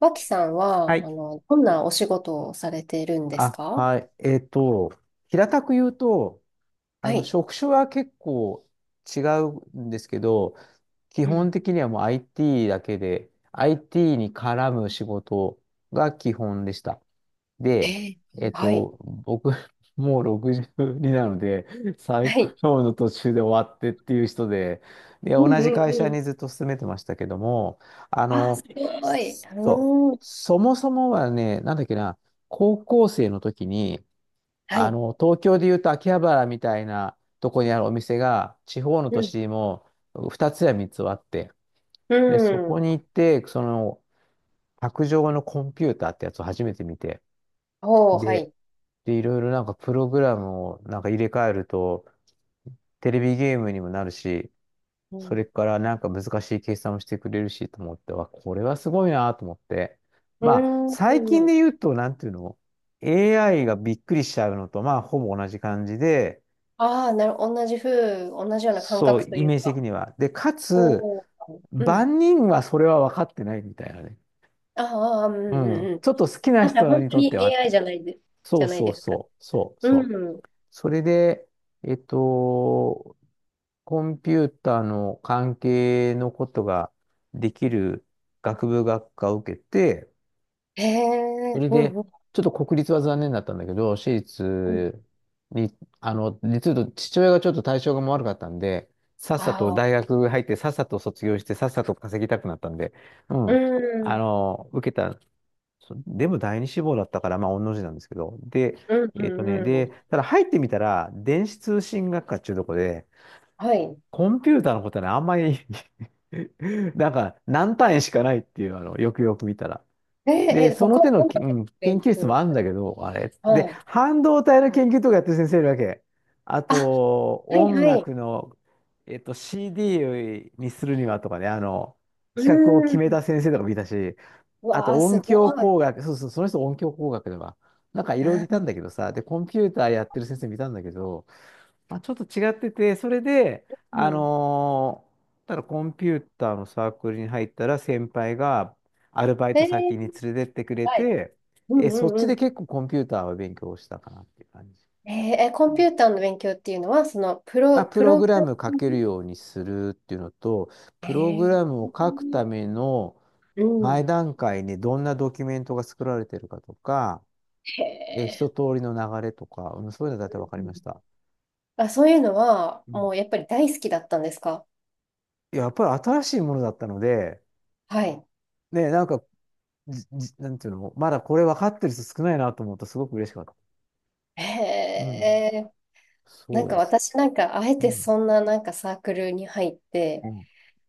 脇さんはは、い。どんなお仕事をされているんですあ、か？はい。平たく言うと、はい。職種は結構違うんですけど、基う本ん。的にはもう IT だけで、IT に絡む仕事が基本でした。えで、ー、はい。僕、もう6になので、再は雇い。用の途中で終わってっていう人で、で、う同んうじん会う社ん。にずっと勤めてましたけども、ああー、すの、ごい。そう、うーん。そもそもはね、なんだっけな、高校生の時に、はい。東京でいうと秋葉原みたいなとこにあるお店が、地方の都うん。市にも2つや3つはあって、うで、そこん。に行って、卓上のコンピューターってやつを初めて見て、おー、はで、い。で、いろいろなんかプログラムをなんか入れ替えると、テレビゲームにもなるし、うそれん。からなんか難しい計算をしてくれるしと思って、わ、これはすごいなと思って。うまあ、ー最近でん。言うと、なんていうの ?AI がびっくりしちゃうのと、まあ、ほぼ同じ感じで、ああ、同じような感そう、覚とイいうメージ的か。には。で、かつ、おー。うん。万人はそれは分かってないみたいなね。ああうんううん。んうちん。ょっと好きななんか人本に当とってに はっ AI て。そじゃうないそうですか。そう、そうそう。うん。それで、えっと、コンピューターの関係のことができる学部学科を受けて、へそえ、れうで、んうんちょっと国立は残念だったんだけど、私うん。立に、実は父親がちょっと体調が悪かったんで、さっさとああ、大学入って、さっさと卒業して、さっさと稼ぎたくなったんで、ううん、ん。受けたそう、でも第二志望だったから、まあ、御の字なんですけど。で、うんうんうで、ん。ただ入ってみたら、電子通信学科っていうとこで、はい。コンピューターのことはね、あんまり なんか、何単位しかないっていう、よくよく見たら。で、その他、手の音き、楽うん、研勉究室強もあるんすだける。ど、あれ。はで、い。半導体の研究とかやってる先生いるわけ。ああ、と、はい音はい。楽の、CD にするにはとかね、う企画を決ーめん。た先生とかもいたし、うあわとあ、音すご響い。工学、そうそう、その人音響工学では。なんかいろいろいたんだけどさ、で、コンピューターやってる先生見たんだけど、まあ、ちょっと違ってて、それで、うん。ただコンピューターのサークルに入ったら先輩がアルバイえト先ー、に連れてってくれはい。て、うんうそっんちうでん。結構コンピューターは勉強したかなっていう感じ。コンピューターの勉強っていうのは、まあ、ププロロググララム書ミけるングようにするっていうのと、えプログラー、ムを書くためのう前ん。段階にどんなドキュメントが作られてるかとか、へ一え。通りの流れとか、うん、そういうのだいたい分かうりまん。した。あ、そういうのは、うもん、うやっぱり大好きだったんですか？やっぱり新しいものだったので、はい。ね、なんか、なんていうの、まだこれ分かってる人少ないなと思うとすごく嬉しかった。へうん、え。なそんうかです。私なんか、あえうてん。そんななんかサークルに入っうて、ん、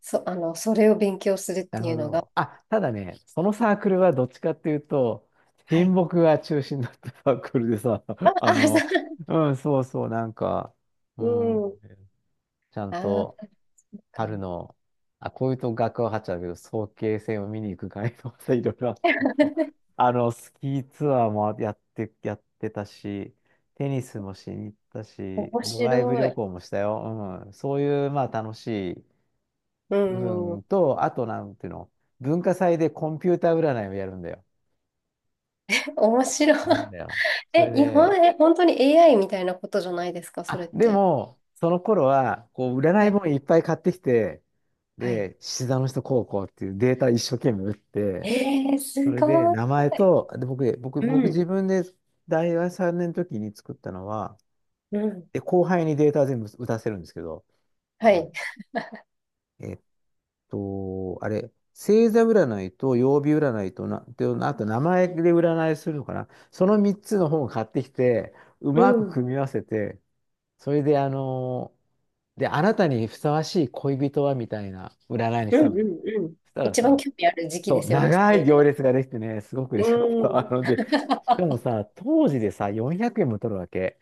そ、あの、それを勉強するっなてるいほうのが、ど。あ、ただね、そのサークルはどっちかっていうと、は親い。睦が中心だったサークルでさ、あ、ああ、その、うん、そうそう、なんか、うん、う、うん。ちゃんああ、とそうか。春の、あ、こういうと学ははっちゃうけど、早慶戦を見に行く会とさ、いろいろあったよ。スキーツアーもやって、やってたし、テニスもしに行ったし、面ド白ライブ旅い。行もしたよ。うん、そういう、まあ、楽しいう部分ん。と、あとなんていうの、文化祭でコンピューター占いをやるんだよ。面白やるんい。だよ。そえ、れ日本、で、え、本当に AI みたいなことじゃないですか、それあ、っでて。も、その頃は、こう、占はいい。本いっぱい買ってきて、はい。で、獅子座の人こうこうっていうデータ一生懸命打って、そすれでご名い。前と、で、僕、僕、う僕ん。自分で大学3年の時に作ったのは、うん。で、後輩にデータ全部打たせるんですけど、はあの、い。えっあれ、星座占いと曜日占いとな、で、あと名前で占いするのかな。その3つの本を買ってきて、ううまくん。組み合わせて、それで、あなたにふさわしい恋人はみたいな占いにうしたんん。だうよ。ん。うん。そしたら一番さ、興味ある時期そでう、すよね、そ長ういいう行の。列ができてね、すごくう嬉しかった。あん。ので、しかもさ、当時でさ、400円も取るわけ。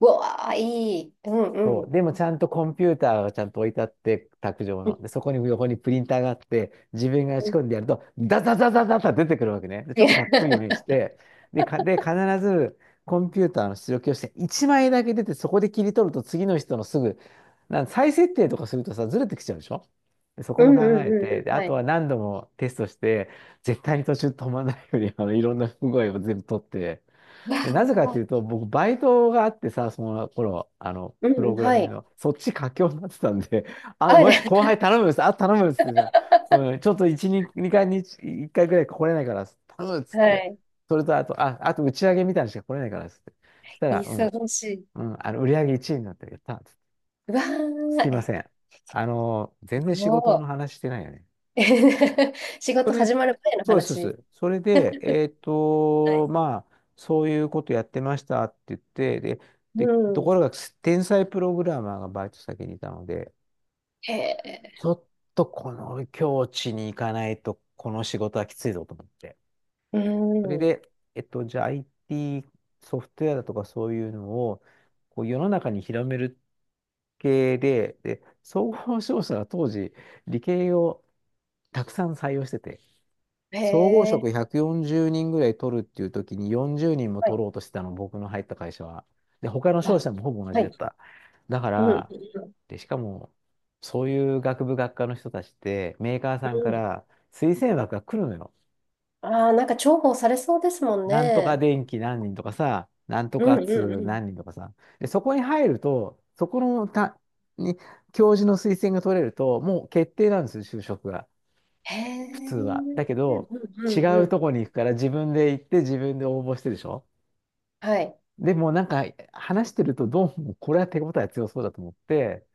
うわあ、いい。うんそうう。ん。でもちゃんとコンピューターがちゃんと置いてあって、卓上うんの。で、そこに横にプリンターがあって、自分がう仕ん。込んでやると、ダザダザダザ出てくるわけね。で、ちょっとかっこいいように して、で、必ずコンピューターの出力をして、1枚だけ出て、そこで切り取ると次の人のすぐ、再設定とかするとさ、ずれてきちゃうでしょ。で、そこうもん考うんうえんて、うで、ん。あはとい。は何度もテストして、絶対に途中止まらないように、いろんな不具合を全部取って、でなぜかっていうと、僕、バイトがあってさ、その頃、うんプうロん、グラはミングい。の、そっち佳境になってたんで、あ、あ、で、ごめん、後 輩頼むです、あ、頼むですってさ、うん、ちょっと1、2回に1回ぐらい来れないから頼むっつっはて、い。それとあと、あ、あと打ち上げみたいなのしか来れないからっつって、そしたら、うん、忙しい。うん、売り上げ1位になってやったっつって、うわー、すいません。全然仕事もの話してないよね。う、仕そ事れ、始まる前のそうです、そう話。です。それで、はい。まあ、そういうことやってましたって言って、で、うで、とん。ころが、天才プログラマーがバイト先にいたので、へえ、ちょっとこの境地に行かないと、この仕事はきついぞと思って。うそれん。で、じゃあ IT ソフトウェアだとかそういうのを、こう世の中に広める系で、で、総合商社が当時、理系をたくさん採用してて、へ総合え、職140人ぐらい取るっていう時に40人もはい。取ろうとしてたの、僕の入った会社は。で、他の商あ、社もほぼ同はじだっい。た。だかうん、うん、ら、で、しかも、そういう学部学科の人たちって、メーカーうさんかん。ら推薦枠が来るのよ。ああ、なんか重宝されそうですもんなんとかね。電気何人とかさ、なんとうかん、うん、通うん。何人とかさ。で、そこに入ると、そこのた、に、教授の推薦が取れると、もう決定なんですよ、就職が。へ普通は。え、だけうん、ど、う違ん、ううん。とこに行くから自分で行って自分で応募してでしょ。はい。でもなんか話してるとどうもこれは手応え強そうだと思って、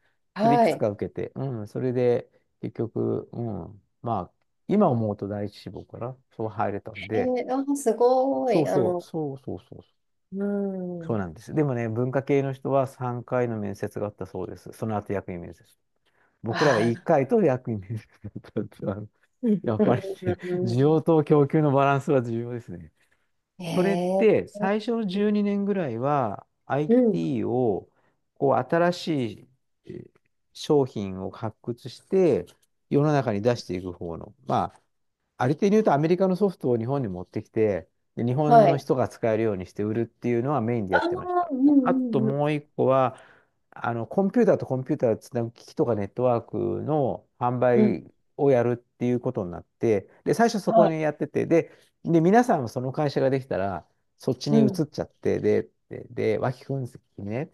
それいくはい。つへか受けて、うん、それで結局、うん、まあ、今思うと第一志望かな、そう入れたんえ、で、あー、すごそうい。そう、そうそうそう、うそうん。なんです。でもね、文化系の人は3回の面接があったそうです。その後役員面接。僕らはあ1あ、回と役に立ったっていうあの、やっうぱりん、うね、ん、う需ん。要と供給のバランスは重要ですね。へそれっえ。て最初の12年ぐらいは うん。IT をこう新しいえー商品を発掘して世の中に出していく方の、まあありていに言うとアメリカのソフトを日本に持ってきて、で日本はのい。人が使えるようにして売るっていうのはメインであやってましあ、た。うんうあとんうん。もう一個は、コンピューターとコンピューターをつなぐ機器とかネットワークの販うん。売をやるっていうことになって、で、最初そはこい。にやってて、で、で、皆さんもその会社ができたら、そっちうに移っん。ちゃって、で、脇君にね、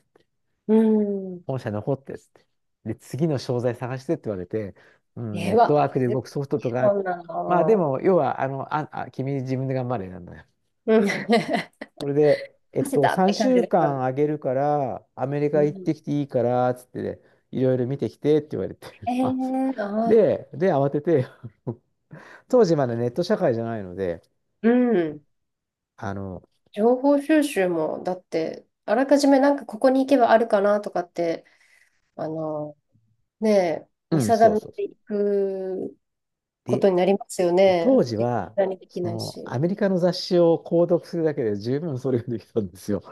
うん。本社残ってっつって。で、次の商材探してって言われて、うん、えネえットワわ。ークで絶動くソフトと対か、そんなまあでの。も、要は、あの、君自分で頑張れなんだよ。うん。それで、汗だって3感じ週だったの。間あげるから、アメリうカ行っん。てきていいから、つってね、いろいろ見てきてって言われて、え あ、そえうああ。で、で、慌てて、当時まだネット社会じゃないので、うん。あの、情報収集も、だって、あらかじめなんかここに行けばあるかなとかって、あの、ねえ、見うん、定そうめそうそていう。くことで、になりますよでね。当時絶は、対にできそないの、し。アメリカの雑誌を購読するだけで十分それができたんですよ。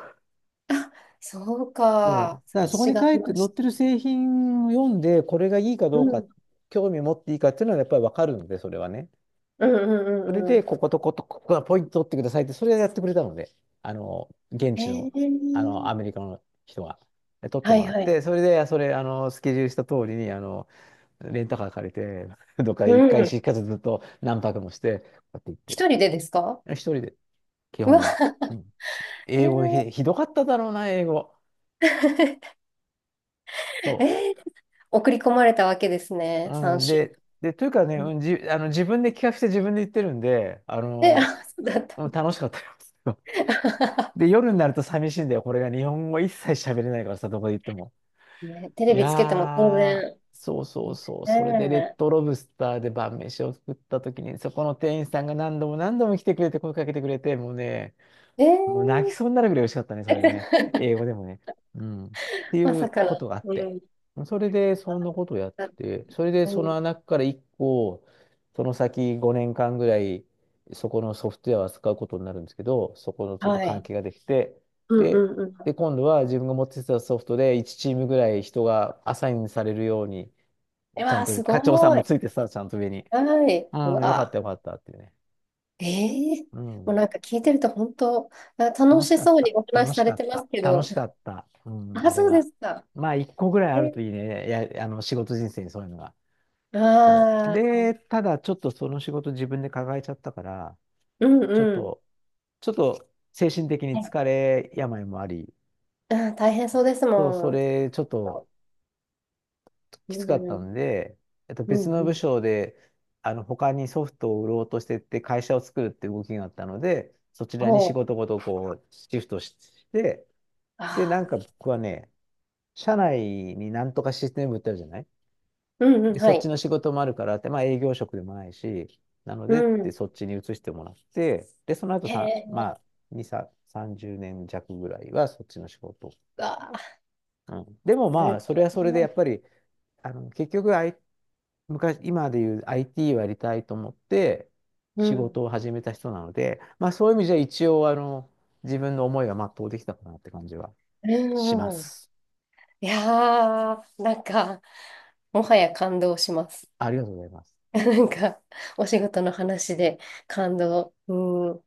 そうそう。か。だから察そこしにがあ書りいてま載しってた。る製品を読んで、これがいいかうどうか、ん。興味を持っていいかっていうのはやっぱりわかるので、それはね。うんうんそれうんうで、ん。ここと、ここがポイント取ってくださいって、それをやってくれたので、あの、現地えの、あの、アーメリカの人が。で取ってはもいらっはい。て、それで、それ、あの、スケジュールした通りに、あの、レンタカー借りて、どっかう一回ん。しかずずっと何泊もして、こうやって行ってっ一て。人でですか？一人で、基う本わ、は。うん。い英や語ー ひ、ひどかっただろうな、英語。そう。えー送り込まれたわけですね、うん、3週。で、で、というかね、うん、あの、自分で企画して自分で言ってるんで、あで、の、あ、そうだった。うん、楽しかったよ。で、夜になると寂しいんだよ。これが日本語一切喋れないからさ、どこで言っても。ね、テレいビやつけても当然。ー、そうそうそう。それでレッねドロブスターで晩飯を作った時に、そこの店員さんが何度も何度も来てくれて、声かけてくれて、もうね、ええもう泣ー きそうになるぐらい美味しかったね、それね。英語でもね。うん。って まいさうかの。ことがあっうて。ん。それで、そんなことをやっだて、それで、うそん。の中から1個、その先5年間ぐらい、そこのソフトウェアを扱うことになるんですけど、そこのちょっとは関い。係ができて、うんで、うんうで、ん。今度は自分が持ってたソフトで1チームぐらい人がアサインされるように、うちわゃんー、とす課長さんごもい。ついてさ、ちゃんと上に。はい。ううん、よかっわたよかったってね。ー、うもうん。なんか聞いてると本当、あ、楽楽ししかっそうにた。お話楽ししされかってまた。すけ楽ど、しかった。うん、あ、あれそうでは。すか。まあ、一個ぐらいえ、あるといいね。いや、あの、仕事人生にそういうのが。そう。ああ、で、ただ、ちょっとその仕事自分で抱えちゃったから、うんちょっうん。と、ちょっと精神的にはい。疲れ、病もあり、うん、大変そうですそう、そもん。れ、ちょっとうきつかったん、ので、う別ん、のう部ん。署で、あの、他にソフトを売ろうとしてって会社を作るって動きがあったので、そちらにほ仕う。事ごとこう、シフトして、で、なんああ、か僕はね、社内になんとかシステム売ってあるじゃない。うん、うで、ん、そはっちい。の仕事もあるからって、まあ営業職でもないし、なのうでってん。そっちに移してもらって、で、その後へさ、え、まあ、2、さ30年弱ぐらいはそっちの仕事。ああ、うん、でもすまあ、それはそれでごやい。っぱり、あの、結局、昔、今で言う IT をやりたいと思ってう仕ん、事を始めた人なので、まあそういう意味じゃ一応、あの、自分の思いが全うできたかなって感じはしまうん。す。いやー、なんか、もはや感動します。ありがとうございます。なんか、お仕事の話で感動。うん、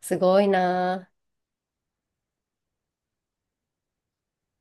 すごいなー。